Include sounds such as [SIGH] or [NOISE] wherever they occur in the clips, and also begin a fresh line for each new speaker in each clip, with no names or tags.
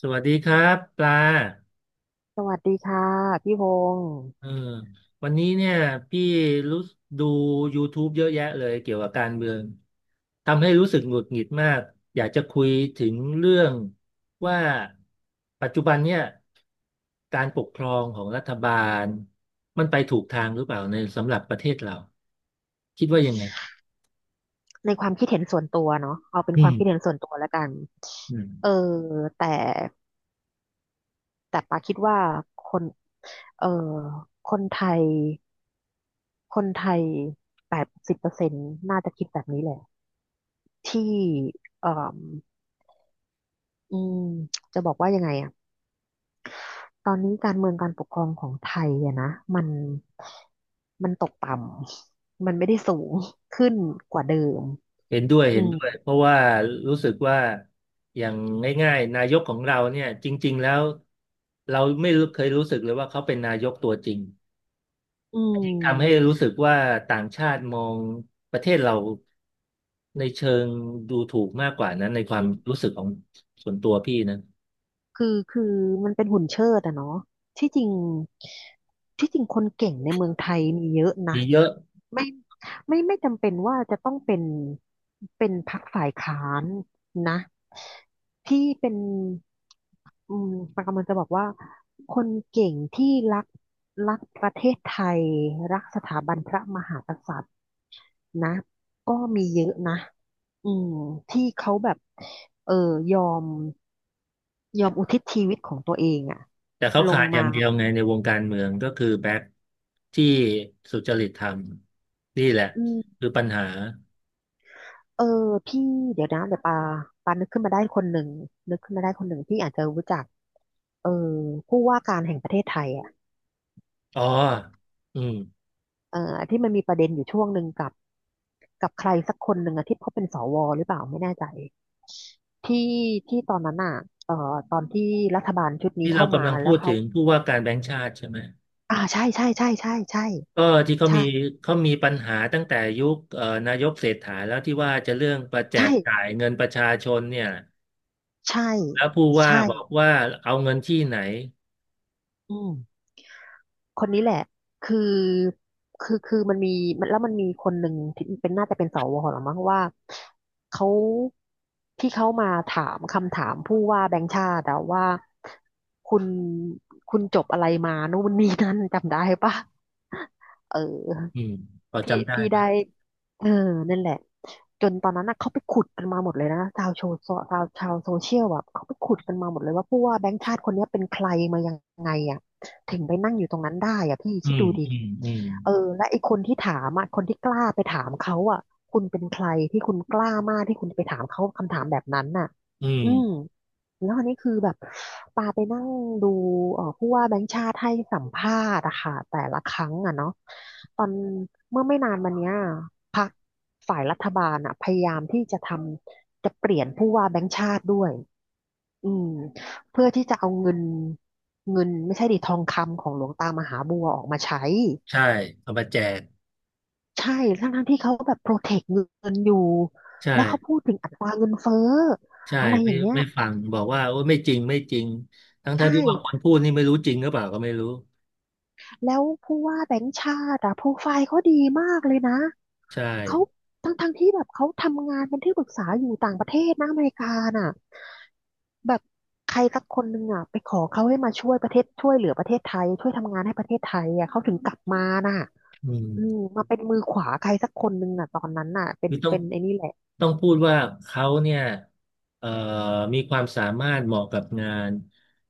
สวัสดีครับปลา
สวัสดีค่ะพี่พงศ์
เออวันนี้เนี่ยพี่รู้ดู YouTube เยอะแยะเลยเกี่ยวกับการเมือง ทำให้รู้สึกหงุดหงิดมาก อยากจะคุยถึงเรื่องว่าปัจจุบันเนี่ยการปกครองของรัฐบาลมันไปถูกทางหรือเปล่าในสำหรับประเทศเราคิดว่ายังไง
ในความคิดเห็นส่วนตัวเนาะเอาเป็น
อื
ควา
ม
มคิดเห็นส่วนตัวแล้วกัน
อืม
เออแต่แต่ปาคิดว่าคนเออคนไทยคนไทย80%น่าจะคิดแบบนี้แหละที่เอออืมจะบอกว่ายังไงอะตอนนี้การเมืองการปกครองของไทยอะนะมันมันตกต่ำมันไม่ได้สูงขึ้นกว่าเดิม
เห็นด้วย
อื
เห็น
ม
ด้วยเพราะว่ารู้สึกว่าอย่างง่ายๆนายกของเราเนี่ยจริงๆแล้วเราไม่รู้เคยรู้สึกเลยว่าเขาเป็นนายกตัวจริง
อื
อันนี้ทำให้
ม
รู้สึกว่าต่างชาติมองประเทศเราในเชิงดูถูกมากกว่านั้นในความรู้สึกของส่วนตัวพี่นะ
คือคือมันเป็นหุ่นเชิดอะเนาะที่จริงที่จริงคนเก่งในเมืองไทยมีเยอะนะ
มีเยอะ
ไม่ไม่จำเป็นว่าจะต้องเป็นเป็นพรรคฝ่ายค้านนะที่เป็นอืมปากำลังจะบอกว่าคนเก่งที่รักรักประเทศไทยรักสถาบันพระมหากษัตริย์ นะก็มีเยอะนะอืมที่เขาแบบเออยอมยอมอุทิศชีวิตของตัวเองอะ
แต่เขา
ล
ขา
ง
ดอย่า
มา
งเดียวไงในวงการเมืองก็คือแบ็คที่สุจริตธรรมนี่แหละ
อืม
คือปัญหา
เออพี่เดี๋ยวปานึกขึ้นมาได้คนหนึ่งนึกขึ้นมาได้คนหนึ่งที่อาจจะรู้จักเออผู้ว่าการแห่งประเทศไทยอ่ะ
อ๋ออืม
เออที่มันมีประเด็นอยู่ช่วงหนึ่งกับกับใครสักคนหนึ่งอะที่เขาเป็นสวหรือเปล่าไม่แน่ใจที่ที่ตอนนั้นอ่ะเอ่อตอนที่รัฐบาลชุดนี้
ที่เรา
เข้ามา
กำลังพู
แล้ว
ด
เขา
ถึงผู้ว่าการแบงก์ชาติใช่ไหม
อ่าใช่ใช่ใช่ใช่ใช่
ก็ที่เขา
ใช่
มีเขามีปัญหาตั้งแต่ยุคนายกเศรษฐาแล้วที่ว่าจะเรื่องประแจ
ใช่
กจ่ายเงินประชาชนเนี่ย
ใช่
แล้วผู้ว่า
ใช่
บอกว่าเอาเงินที่ไหน
อืมคนนี้แหละคือคือมันมีมันแล้วมันมีคนหนึ่งที่เป็นน่าจะเป็นสวหรือมั้งว่าเขาที่เขามาถามคำถามผู้ว่าแบงค์ชาติอะว่าคุณคุณจบอะไรมานู่นนี่นั่นจำได้ปะเอ
อื
อ
มพอ
พี่
จำได้
พี่ได้
ปะ
เออนั่นแหละจนตอนนั้นน่ะเขาไปขุดกันมาหมดเลยนะชาวโซชาวชาวโซเชียลแบบเขาไปขุดกันมาหมดเลยว่าผู้ว่าแบงค์ชาติคนเนี้ยเป็นใครมายังไงอ่ะถึงไปนั่งอยู่ตรงนั้นได้อ่ะพี่
อื
คิด
ม
ดูดิ
อืมอืม
เออและไอ้คนที่ถามอ่ะคนที่กล้าไปถามเขาอ่ะคุณเป็นใครที่คุณกล้ามากที่คุณจะไปถามเขาคำถามแบบนั้นน่ะ
อืม
อืม แล้วอันนี้คือแบบปาไปนั่งดูผู้ว่าแบงค์ชาติให้สัมภาษณ์อะค่ะแต่ละครั้งอะเนาะตอนเมื่อไม่นานมาเนี้ยพรรคฝ่ายรัฐบาลอะพยายามที่จะทำจะเปลี่ยนผู้ว่าแบงค์ชาติด้วยอืมเพื่อที่จะเอาเงินไม่ใช่ดิทองคำของหลวงตามหาบัวออกมาใช้
ใช่เอามาแจก
ใช่ทั้งที่เขาแบบโปรเทคเงินอยู่
ใช่
แล้วเขาพูดถึงอัตราเงินเฟ้อ
ใช่
อะไรอ
ไม่
ย่างเงี้ย
ไม่ฟังบอกว่าโอ้ไม่จริงไม่จริง
ใช
ทั้งๆที่ว่าค
่
นพูดนี่ไม่รู้จริงหรือเปล่าก็ไม่รู้
แล้วผู้ว่าแบงค์ชาติอะโปรไฟล์เขาดีมากเลยนะ
ใช่
เขาทั้งที่แบบเขาทำงานเป็นที่ปรึกษาอยู่ต่างประเทศนะอเมริกาน่ะแบบใครสักคนหนึ่งอ่ะไปขอเขาให้มาช่วยประเทศช่วยเหลือประเทศไทยช่วยทำงานให้ประเทศไทยอ่ะเขาถึงกลับมาน่ะ
อืม
อืมมาเป็นมือขวาใครสักคนหนึ่งอ่ะตอนนั้นน่ะเป็น
นี่ต้อง
เป็นไอ้นี่แหละ
พูดว่าเขาเนี่ยเอ่อมีความสามารถเหมาะกับงาน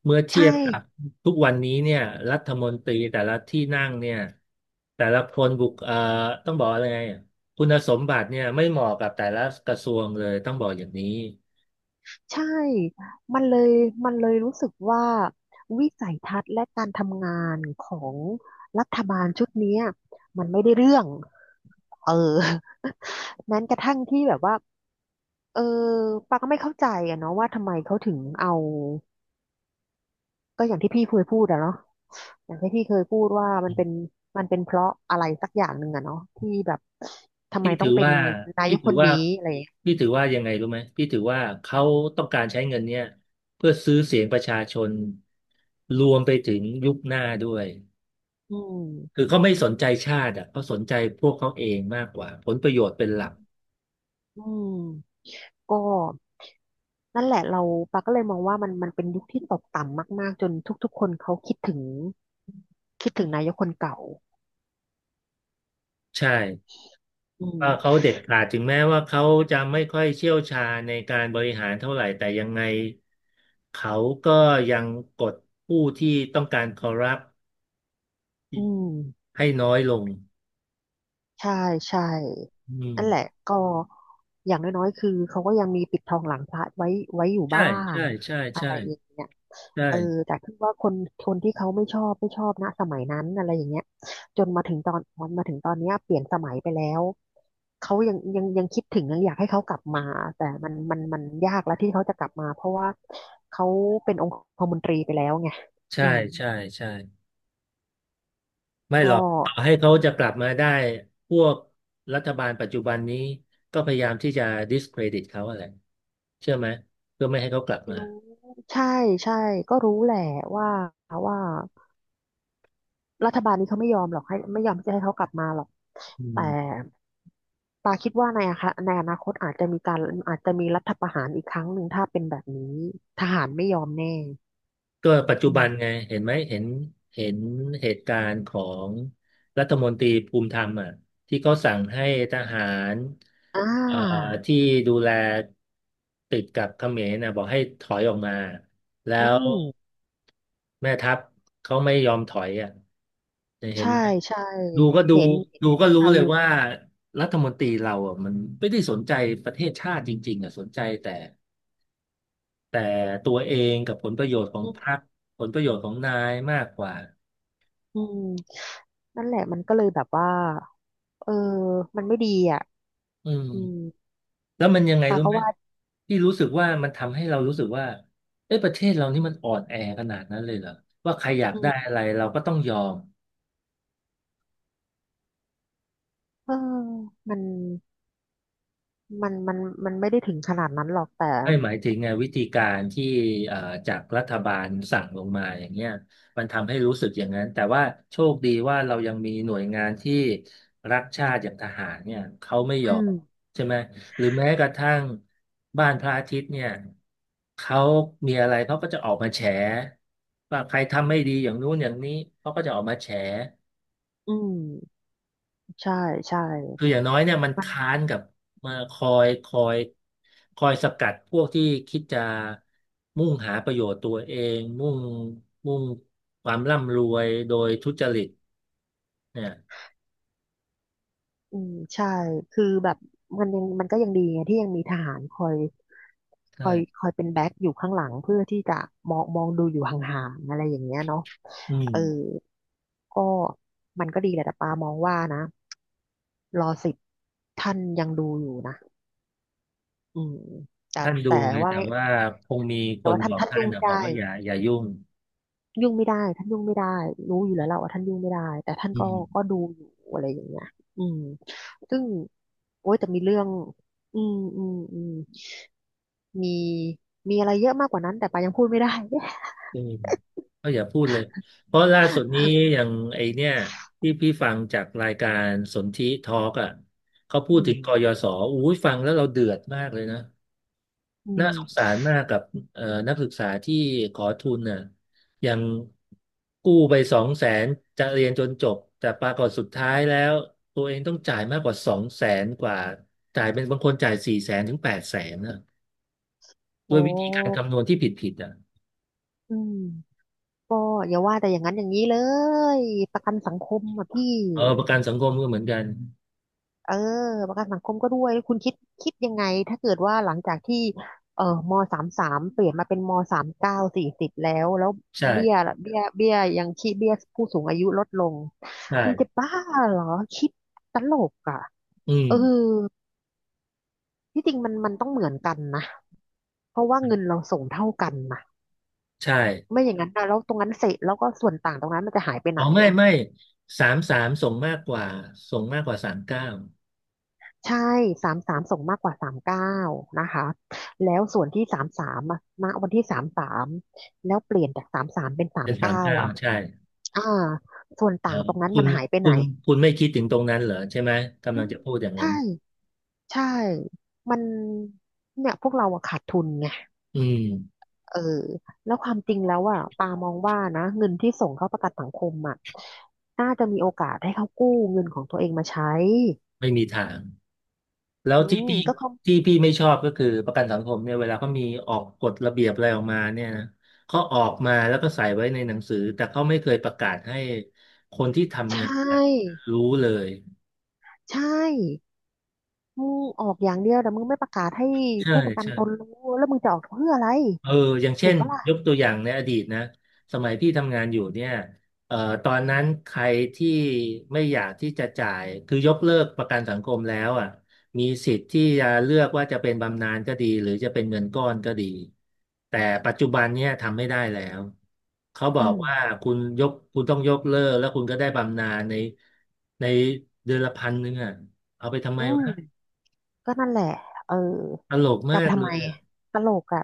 เมื่อเที
ใช่
ยบกับทุกวันนี้เนี่ยรัฐมนตรีแต่ละที่นั่งเนี่ยแต่ละคนบุคเอ่อต้องบอกอะไรไงคุณสมบัติเนี่ยไม่เหมาะกับแต่ละกระทรวงเลยต้องบอกอย่างนี้
ใช่มันเลย มันเลยรู้สึกว่าวิสัยทัศน์และการทำงานของรัฐบาลชุดเนี้ยมันไม่ได้เรื่องเออ [LAUGHS] แม้กระทั่งที่แบบว่าเออปาก็ไม่เข้าใจอะเนาะว่าทำไมเขาถึงเอาก็อย่างที่พี่เคยพูดอะเนาะอย่างที่พี่เคยพูดว่ามันเป็นเพราะอะไรสักอย่างหนึ่งอะเนาะที่แบบทำไม
พี่
ต้
ถื
อง
อ
เป็น
ว่า
นาย
พี่
ก
ถื
ค
อ
น
ว่า
นี้อะไรอย่างเงี้ย
พี่ถือว่ายังไงรู้ไหมพี่ถือว่าเขาต้องการใช้เงินเนี่ยเพื่อซื้อเสียงประชาชนรวมไปถึงยุคหน้าด้วย
อื
คือ
ม
เขาไม่สนใจชาติอ่ะเขาสนใจพวกเขาเองมากกว่าผลประโยชน์เป็นหลัก
อืมก็ นั่นแหละเราปาก็เลยมองว่ามันมันเป็นยุคที่ตกต่ำมากๆจนทุกๆคนเขาคิดถึงนายกคนเก่า
ใช่
อืม
ว่าเขาเด็ดขาดถึงแม้ว่าเขาจะไม่ค่อยเชี่ยวชาญในการบริหารเท่าไหร่แต่ยังไงเขาก็ยังกดผู้ที่ต้องการคอร์รัป
อืม
ให้น้อยลง
ใช่ใช่
อืม
นั่นแหละก็อย่างน้อยๆคือเขาก็ยังมีปิดทองหลังพระไว้ไว้อยู่
ใช่
บ้าง
ใช่ใช่
อะ
ใช่
ไรอย่างเงี้ยเออ
ใช่
แต่คือว่าคนคนที่เขาไม่ชอบนะสมัยนั้นอะไรอย่างเงี้ยจนมาถึงตอนเนี้ยเปลี่ยนสมัยไปแล้วเขายังคิดถึงยังอยากให้เขากลับมาแต่มันยากแล้วที่เขาจะกลับมาเพราะว่าเขาเป็นองคมนตรีไปแล้วไง
ใช่
อืม
ใช่ใช่ ไม่หร
ก็
อกต่อให้เขาจะกลับมาได้ พวกรัฐบาลปัจจุบันนี้ก็พยายามที่จะ discredit เขาอะไร เชื่อไหมเพื่อไม่ให้เขากลับมา
รู้ใช่ใช่ก็รู้แหละว่าว่ารัฐบาลนี้เขาไม่ยอมหรอกให้ไม่ยอมที่จะให้เขากลับมาหรอก
อื
แต่
ม
ปาคิดว่าในอะคะในอนาคตอาจจะมีการอาจจะมีรัฐประหารอีกครั้งหนึ่งถ้าเป็นแบบนี้ทหารไม่ยอมแน่
ก็ปัจจุ
อื
บันไง
ม
เห็นไหม เห็นเหตุการณ์ของรัฐมนตรีภูมิธรรมอ่ะที่เขาสั่งให้ทหาร
อ่
เอ่อ
า
ที่ดูแลติดกับเขมรนะบอกให้ถอยออกมา แล้
อื
ว
ม
แม่ทัพเขาไม่ยอมถอยอ่ะเห็น
ใช่
ไหม
ใช่
ดูก็ดู
เห็นเห็น
ดูก็รู้
ข่าว
เล
อ
ย
ยู่
ว่ารัฐมนตรีเราอ่ะมันไม่ได้สนใจประเทศชาติจริงๆอ่ะสนใจแต่แต่ตัวเองกับผลประโยชน์ของ
อื
พรรค
ม
ผลประโยชน์ของนายมากกว่า
อืมนั่นแหละมันก็เลยแบบว่าเออมันไม่ดีอ่ะ
อืม
อืม
แล้วมันยังไง
ปา
รู้
ก็
ไหม
ว่า
ที่รู้สึกว่ามันทำให้เรารู้สึกว่าเอ้ยประเทศเรานี่มันอ่อนแอขนาดนั้นเลยเหรอว่าใครอยาก
อื
ได้
ม
อะไรเราก็ต้องยอม
เออมัน มันมันมันไม่ได้ถึงขนาดนั้นหรอกแต่
ไม่หมายถึงไงวิธีการที่เอ่อจากรัฐบาลสั่งลงมาอย่างเงี้ยมันทำให้รู้สึกอย่างนั้นแต่ว่าโชคดีว่าเรายังมีหน่วยงานที่รักชาติอย่างทหารเนี่ยเขาไม่ย
อื
อม
ม
ใช่ไหมหรือแม้กระทั่งบ้านพระอาทิตย์เนี่ยเขามีอะไรเขาก็จะออกมาแฉว่าใครทำไม่ดีอย่างนู้นอย่างนี้เขาก็จะออกมาแฉ
อืมใช่ใช่
คืออย่างน้อยเนี่ยมัน
มัน
ค้านกับมาคอยสกัดพวกที่คิดจะมุ่งหาประโยชน์ตัวเองมุ่งความร่ำรวยโดยทุจริตเนี่ย
อืมใช่คือแบบมันยังมันก็ยังดีไงที่ยังมีทหารคอยค
ใช่
อยคอยเป็นแบ็คอยู่ข้างหลังเพื่อที่จะมองดูอยู่ห่างๆอะไรอย่างเงี้ยเนาะ
อื
เอ
ม
อก็มันก็ดีแหละแต่ปามองว่านะรอสิบท่านยังดูอยู่นะอืมแต่
ท่านดู
แต่
ไง
ว่า
แต่ว่าคงมีค
แต่
น
ว่า
บ
ท่าน
อก
ท่าน
ท่าน
ยุ่งไม่
นะบอก
ได้
ว่าอย่ายุ่ง
ยุ่งไม่ได้ท่านยุ่งไม่ได้รู้อยู่แล้วแหละว่าท่านยุ่งไม่ได้แต่ท่าน
อื
ก็
ม
ดูอยู่อะไรอย่างเงี้ยอืมซึ่งโอ๊ยแต่มีเรื่องอืมอืมอืมมีมีอะไรเยอะมากกว่านั้นแต่ปายังพูดไม่ได้
อืมก็อย่าพูดเลยเพราะล่าสุดนี้
[LAUGHS]
อย่างไอเนี่ยที่พี่ฟังจากรายการสนธิทอล์กอ่ะเขาพู
อื
ดถึงก
ม
ยศอู้ยฟังแล้วเราเดือดมากเลยนะ
อื
น่าสงสา
ม
รมากกับเอ่อนักศึกษาที่ขอทุนน่ะยังกู้ไปสองแสนจะเรียนจนจบแต่ปรากฏสุดท้ายแล้วตัวเองต้องจ่ายมากกว่าสองแสนกว่าจ่ายเป็นบางคนจ่าย400,000ถึง800,000นะด้
โอ้
วยวิธีการคำนวณที่ผิดผิดอ่ะ
อืมก็อย่าว่าแต่อย่างนั้นอย่างนี้เลยประกันสังคมอ่ะพี่
เออประกันสังคมก็เหมือนกัน
เออประกันสังคมก็ด้วยคุณคิดยังไงถ้าเกิดว่าหลังจากที่เออมสามสามเปลี่ยนมาเป็นมสามเก้าสี่สิบแล้วเบี้ย
ใช่
เบี้ยยังคีดเบี้ยผู้สูงอายุลดลงมึงจะ
ใช่
บ้าเหรอคิดตลกอ่ะ
อืม
เออที่จริงมันต้องเหมือนกันนะเพราะว่าเงินเราส่งเท่ากันนะ
ใช่
ไม่อย่างนั้นนะแล้วตรงนั้นเสร็จแล้วก็ส่วนต่างตรงนั้นมันจะหายไปไห
อ๋
น
อไม่ไม่33ส่งมากกว่าสามเก้า
ใช่สามสามส่งมากกว่าสามเก้านะคะแล้วส่วนที่สามสามณวันที่สามสามแล้วเปลี่ยนจากสามสามเป็นสา
เป็
ม
นสาม
เก้า
เก้า
อ่ะ
ใช่
อ่าส่วนต่างตรงนั้น
คุ
มัน
ณ
หายไป
คุ
ไหน
ณคุณไม่คิดถึงตรงนั้นเหรอใช่ไหมกำ
อื
ลัง
ม
จะพูดอย่างนั้
ใช่
น
ใช่ มันเนี่ยพวกเราอะขาดทุนไง
อืม
เออ แล้วความจริงแล้วอะปามองว่านะเงินที่ส่งเข้าประกันสังคมอะน่าจะมีโอกาสให้เขากู้เงินของตัวเองมาใช้
ไม่มีทางแล้ว
อื
ที่
ม
พี่
ก็เขา
ที่พี่ไม่ชอบก็คือประกันสังคมเนี่ยเวลาเขามีออกกฎระเบียบอะไรออกมาเนี่ยนะเขาออกมาแล้วก็ใส่ไว้ในหนังสือแต่เขาไม่เคยประกาศให้คนที่
ใช
ทำงาน
่
รู้เลย
ใช่ มึงออกอย่างเดียวแต่มึงไม่ประกาศให้
ใช่
ผู้ประกัน
ใช่
ตนรู้แล้วมึงจะออกเพื่ออะไร
เอออย่าง
ถู
เช่
ก
น
ปะล่ะ
ยกตัวอย่างในอดีตนะสมัยพี่ทำงานอยู่เนี่ยเอ่อตอนนั้นใครที่ไม่อยากที่จะจ่าย คือยกเลิกประกันสังคมแล้วอ่ะมีสิทธิ์ที่จะเลือกว่าจะเป็นบำนาญก็ดี หรือจะเป็นเงินก้อนก็ดี แต่ปัจจุบันเนี่ยทำไม่ได้แล้ว เขาบ
อื
อก
ม
ว่าคุณต้องยกเลิกแล้วคุณก็ได้บำนาญในในเดือนละพันหนึ่งอ่ะเอาไปทำไม
อื
วะ
มก็นั่นแหละเออ
ตลก
จะเอา
มา
ไป
ก
ทำ
เล
ไม
ยอะ
ตลกอ่ะ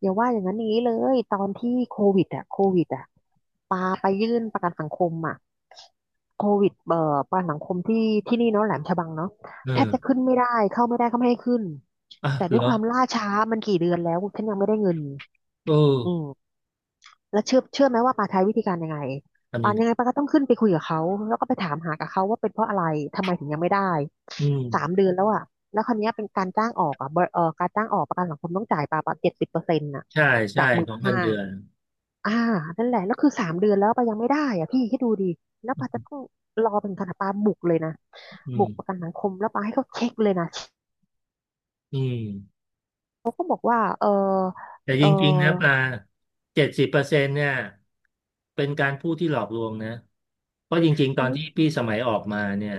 อย่าว่าอย่างนั้นอย่างนี้เลยตอนที่โควิดอ่ะปาไปยื่นประกันสังคมอ่ะโควิดประกันสังคมที่นี่เนาะแหลมฉบังเนาะ
เอ
แทบ
อ
จะขึ้นไม่ได้เข้าไม่ได้เขาไม่ให้ขึ้น
อ่ะ
แต่ด้ว
เห
ย
รอ
ความล่าช้ามันกี่เดือนแล้วฉันยังไม่ได้เงิน
เออ
อืม แล้วเชื่อไหมว่าปาใช้วิธีการยังไง
ทำยั
ปา
งไง
ยังไงปาก็ต้องขึ้นไปคุยกับเขาแล้วก็ไปถามหากับเขาว่าเป็นเพราะอะไรทำไมถึงยังไม่ได้
อืม
สามเดือนแล้วอ่ะแล้วคราวเนี้ยเป็นการจ้างออกอ่ะบริเอ่อการจ้างออกประกันสังคมต้องจ่ายปาเจ็ดสิบเปอร์เซ็นต์่ะ
ใช่ใช่
จากหมื่
ข
น
องเงิ
ห้า
นเดือน
อ่านั่นแหละแล้วคือสามเดือนแล้วปายังไม่ได้อ่ะพี่คิดดูดิแล้วปาจะต้องรอเป็นขนาดปาบุกเลยนะ
อื
บุกประกั
ม
นสังคมแล้วปาให้เขาเช็คเลยนะ
อืม
เขาก็บอกว่าเออ
แต่
เอ
จ
อ
ริงๆนะปลาเจ็ดสิบเปอร์เซ็นต์เนี่ยเป็นการพูดที่หลอกลวงนะเพราะจริงๆตอ
อื
น
ม
ที่พี่สมัยออกมาเนี่ย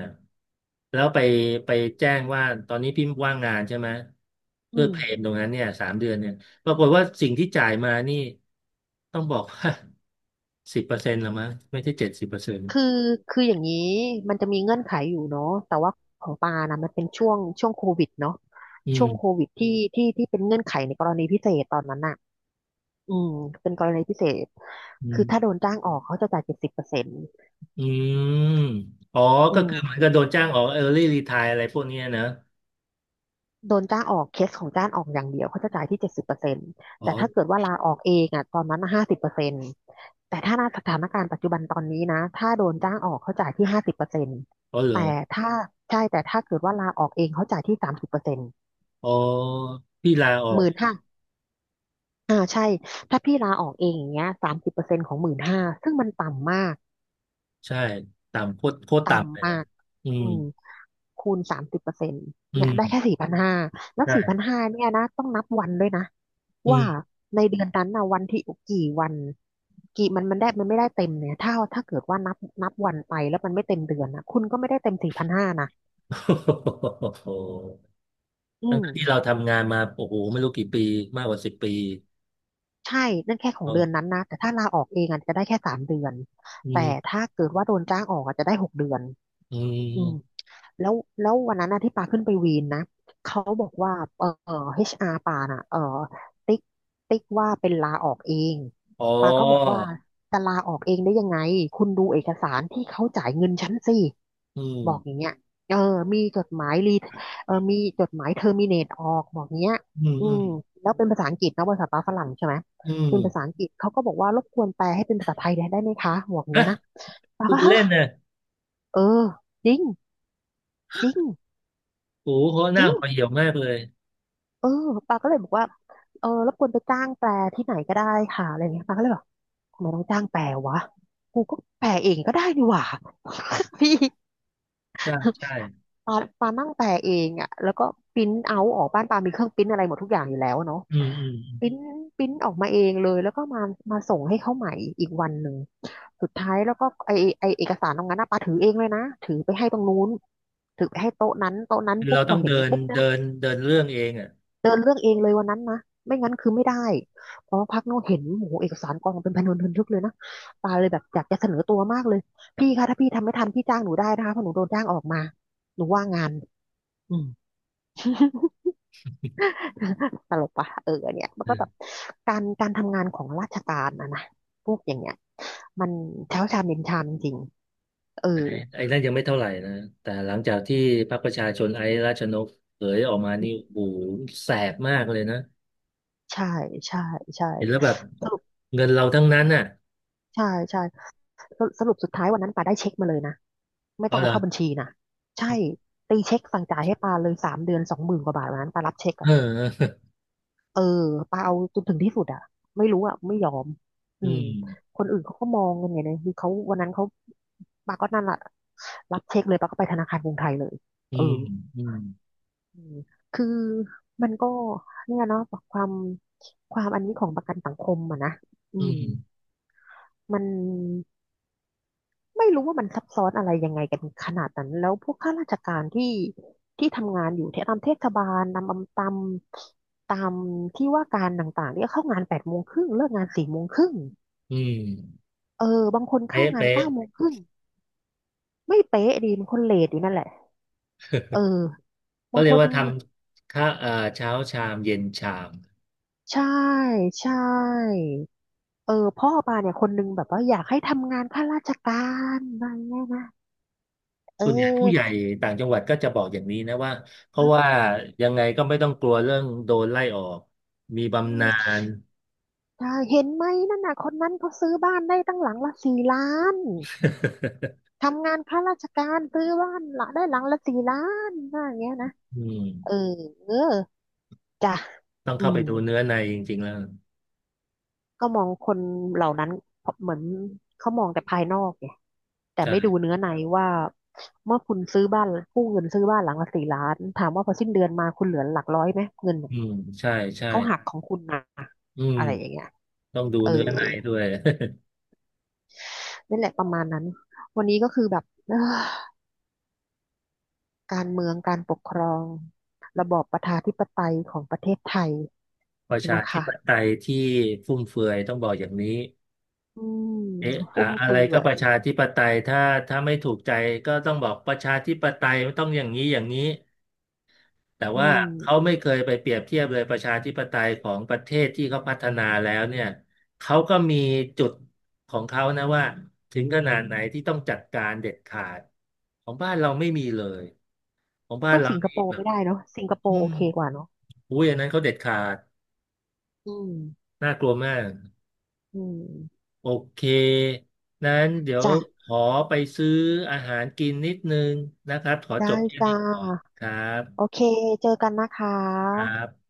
แล้วไปแจ้งว่าตอนนี้พี่ว่างงานใช่ไหม
อื
เพื่อ
ม
เพลมตรงนั้นเนี่ยสามเดือนเนี่ยปรากฏว่าสิ่งที่จ่ายมานี่ต้องบอกว่าสิบเปอร์เซ็นต์ละมั้งไม่ใช่เจ็ดสิบเปอร์เซ็นต์
คือคืออย่างนี้มันจะมีเงื่อนไขอยู่เนาะแต่ว่าของปานะมันเป็นช่วงโควิดเนาะ
อื
ช่วง
ม
โควิดที่เป็นเงื่อนไขในกรณีพิเศษตอนนั้นน่ะอืมเป็นกรณีพิเศษ
อื
คือถ้าโด
ม
นจ้างออกเขาจะจ่ายเจ็ดสิบเปอร์เซ็นต์
อืมอ๋อ
อื
ก็คือเหมือน
ม
กับโดนจ้างออก early retire อะไรพวกเนี้ยนะ
โดนจ้างออกเคสของจ้างออกอย่างเดียวเขาจะจ่ายที่เจ็ดสิบเปอร์เซ็นต์
อ๋อ
แต่ถ้าเกิดว่าลาออกเองอ่ะตอนนั้นห้าสิบเปอร์เซ็นต์แต่ถ้าในสถานการณ์ปัจจุบันตอนนี้นะถ้าโดนจ้างออกเขาจ่ายที่ห้าสิบเปอร์เซ็นต์
อ๋อเหรอ
แต่ถ้าใช่แต่ถ้าเกิดว่าลาออกเองเขาจ่ายที่สามสิบเปอร์เซ็นต์
อ๋อพี่ลาออ
ห
ก
มื่นห้าถ้าพี่ลาออกเองอย่างเงี้ยสามสิบเปอร์เซ็นต์ของหมื่นห้าซึ่งมันต่ำมาก
ใช่ต่ำโคตรโคตรต่ำเล
ต่ำ
ย
มา
นะ
ก
อื
อื
ม
มคูณสามสิบเปอร์เซ็นต์
อื
เนี่ย
ม
ได้แค่สี่พันห้าแล้วสี่พัน
ใช่
ห้าเนี่ยนะต้องนับวันด้วยนะ
อื
ว่า
ม
ในเดือนนั้นนะวันที่กี่วันมันได้มันไม่ได้เต็มเนี่ยถ้าเกิดว่านับวันไปแล้วมันไม่เต็มเดือนนะคุณก็ไม่ได้เต็มสี่พันห้านะ
[LAUGHS] โอ้โห
อื
ทั้ง
ม
ที่เราทำงานมาโอ้โหไม่รู้กี่ปีมากกว่า10 ปี
ใช่นั่นแค่ขอ
อ๋
ง
อ
เดือนนั้นนะแต่ถ้าลาออกเองอาจจะได้แค่สามเดือน
อื
แต่
ม
ถ้าเกิดว่าโดนจ้างออกอาจจะได้หกเดือน
อื
อืม
ม
แล้วแล้ววันนั้นนะที่ปาขึ้นไปวีนนะเขาบอกว่าHR ปาน่ะติ๊กติ๊กว่าเป็นลาออกเอง
อ๋อ
ปาก็บอกว่าจะลาออกเองได้ยังไงคุณดูเอกสารที่เขาจ่ายเงินฉันสิ
อืม
บอกอย่างเงี้ยเออมีจดหมายรีมีจดหมายเทอร์มิเนตออกบอกเงี้ย
อืม
อื
อื
ม
ม
แล้วเป็นภาษาอังกฤษนะภาษาปาฝรั่งใช่ไหม
อืม
เป็นภาษาอังกฤษเขาก็บอกว่ารบกวนแปลให้เป็นภาษาไทยได้ไหมคะบอกเงี้
นะ
ยนะปา
พูด
ก็
เป็น
ฮะ
เล่นนะ
เออจริงจริง
โอ้โหเขาห
จ
น้า
ริง
ห่อเหี่ยวมากเลย
เออปาก็เลยบอกว่าเออรบกวนไปจ้างแปลที่ไหนก็ได้ค่ะอะไรอย่างเงี้ยปาก็เลยบอกทำไมต้องจ้างแปลวะกูก็แปลเองก็ได้นี่หว่า [LAUGHS] พี่
ใช่ใช่
ปาปานั่งแปลเองอ่ะแล้วก็ปริ้นเอาออกบ้านปามีเครื่องปริ้นอะไรหมดทุกอย่างอยู่แล้วเนาะ
อืมอืมอืม
ปริ้นปริ้นออกมาเองเลยแล้วก็มาส่งให้เขาใหม่อีกวันหนึ่งสุดท้ายแล้วก็ไอเอกสารตรงนั้นนะปาถือเองเลยนะถือไปให้ตรงนู้นถือไปให้โต๊ะนั้นโต๊ะนั้น
คือ
ปุ๊บ
เรา
พ
ต้อ
อ
ง
เห็
เดิ
น
น
ปุ๊บเนี่
เดิ
ย
นเดินเรื่องเองอ่ะ
เดินเรื่องเองเลยวันนั้นนะไม่งั้นคือไม่ได้เพราะพักโน้เห็นโอ้โหเอกสารกองเป็นพันวนทึนทึกเลยนะตาเลยแบบอยากจะเสนอตัวมากเลยพี่คะถ้าพี่ทำไม่ทันพี่จ้างหนูได้นะคะเพราะหนูโดนจ้างออกมาหนูว่างงานอืม [LAUGHS] ตลกปะเออเนี่ยมันก็แบบการทำงานของราชการนะพวกอย่างเงี้ยมันเช้าชามเย็นชามจริงๆเออ
ไอ้ไอ้นั่นยังไม่เท่าไหร่นะแต่หลังจากที่พรรคประชาชนไอ้ราชนกเผยออกมานี่โอ้โหแสบมากเลยนะ
ใช่ใช่ใช่
เห็นแล้วแบบ
สรุป
เงินเราทั้งนั้นน่ะ
ใช่ใช่สรุปสุดท้ายวันนั้นป่าได้เช็คมาเลยนะ ไม่ต้
เอา
อง
เหร
เอา
อ
เข้าบัญชีนะใช่ตีเช็คสั่งจ่ายให้ปาเลย3 เดือนสองหมื่นกว่าบาทวันนั้นปารับเช็ค
เอ
อะ
อ
เออปาเอาจนถึงที่สุดอ่ะไม่รู้อ่ะไม่ยอม
[LAUGHS]
อื
อื
ม
ม
คนอื่นเขาก็มองกันไงเนี่ยคือเขาวันนั้นเขาปาก็นั่นแหละรับเช็คเลยปาก็ไปธนาคารกรุงไทยเลย
อื
เออ
มอืม
อืมคือมันก็เนี่ยเนาะความความอันนี้ของประกันสังคมอะนะอื
อื
ม
ม
มัน ไม่รู้ว่ามันซับซ้อนอะไรยังไงกันขนาดนั้นแล้วพวกข้าราชการที่ที่ทำงานอยู่ที่ตามเทศบาลตามที่ว่าการต่างๆเนี่ยเข้างาน8 โมงครึ่งเลิกงาน4 โมงครึ่ง
อืม
เออบางคนเข้า
เป๊ะ
งาน
เป๊ะ
9 โมงครึ่งไม่เป๊ะดีบางคนเลทอยู่นั่นแหละเออ
ก็
บาง
เรี
ค
ยก
น
ว่าทำข้าเช้าชามเย็นชาม
ใช่ใช่เออพ่อปาเนี่ยคนนึงแบบว่าอยากให้ทำงานข้าราชการอะไรเงี้ยนะเอ
ส่วนใหญ่ผู้
อ
ใหญ่ต่างจังหวัดก็จะบอกอย่างนี้นะว่าเพราะ
เ
ว่ายังไงก็ไม่ต้องกลัวเรื่องโดนไล่ออกมีบำนา
ออ
ญ
ใช่เห็นไหมนั่นน่ะคนนั้นเขาซื้อบ้านได้ตั้งหลังละสี่ล้าน ทำงานข้าราชการซื้อบ้านละได้หลังละสี่ล้านว่าอย่างเงี้ยนะ
อื
เออ
ม
เออจ้ะ
ต้อง
อื
เข้าไป
ม
ดูเนื้อในจริงๆแล้ว
ก็มองคนเหล่านั้นเหมือนเขามองแต่ภายนอกไงแต่
ใช่
ไม่ดูเนื้อในว่าเมื่อคุณซื้อบ้านกู้เงินซื้อบ้านหลังละสี่ล้านถามว่าพอสิ้นเดือนมาคุณเหลือหลักร้อยไหมเงินเนี่
อื
ย
มใช่ใช่
เขาหักของคุณนะ
อืม
อะไรอย่างเงี้ย
ต้องดู
เออ
เนื้อในด้วย [LAUGHS]
นั่นแหละประมาณนั้นวันนี้ก็คือแบบเอ้อ การเมืองการปกครองระบอบประชาธิปไตยของประเทศไทย
ประชา
นะ
ธิ
คะ
ปไตยที่ฟุ่มเฟือยต้องบอกอย่างนี้
อืม
เอ๊ะอะ
ฟุ่ม
อะไร
เฟื
ก็
อ
ป
ย
ระชาธิปไตยถ้าไม่ถูกใจก็ต้องบอกประชาธิปไตยต้องอย่างนี้อย่างนี้แต่
อื
ว่า
ม
เขาไม่เคยไปเปรียบเทียบเลยประชาธิปไตยของประเทศที่เขาพัฒนาแล้วเนี่ยเขาก็มีจุดของเขานะว่าถึงขนาดไหนที่ต้องจัดการเด็ดขาดของบ้านเราไม่มีเลย ของบ้าน
สู้
เรา
สิงค
นี่
โปร์
แบบ
ไม่ได้เนาะสิงคโป
อื
ร์โอ
ม
เคกว่าเนาะ
อุ้ยอันนั้นเขาเด็ดขาด
อืม
น่ากลัวมาก
อืม
โอเค นั้นเดี๋ยว
จ้ะ
ขอไปซื้ออาหารกินนิดนึงนะครับ ขอจ
ได้
บแค่นี้
จ้า
ก่อนครั
โอ
บ
เคเจอกันนะคะ
ครับ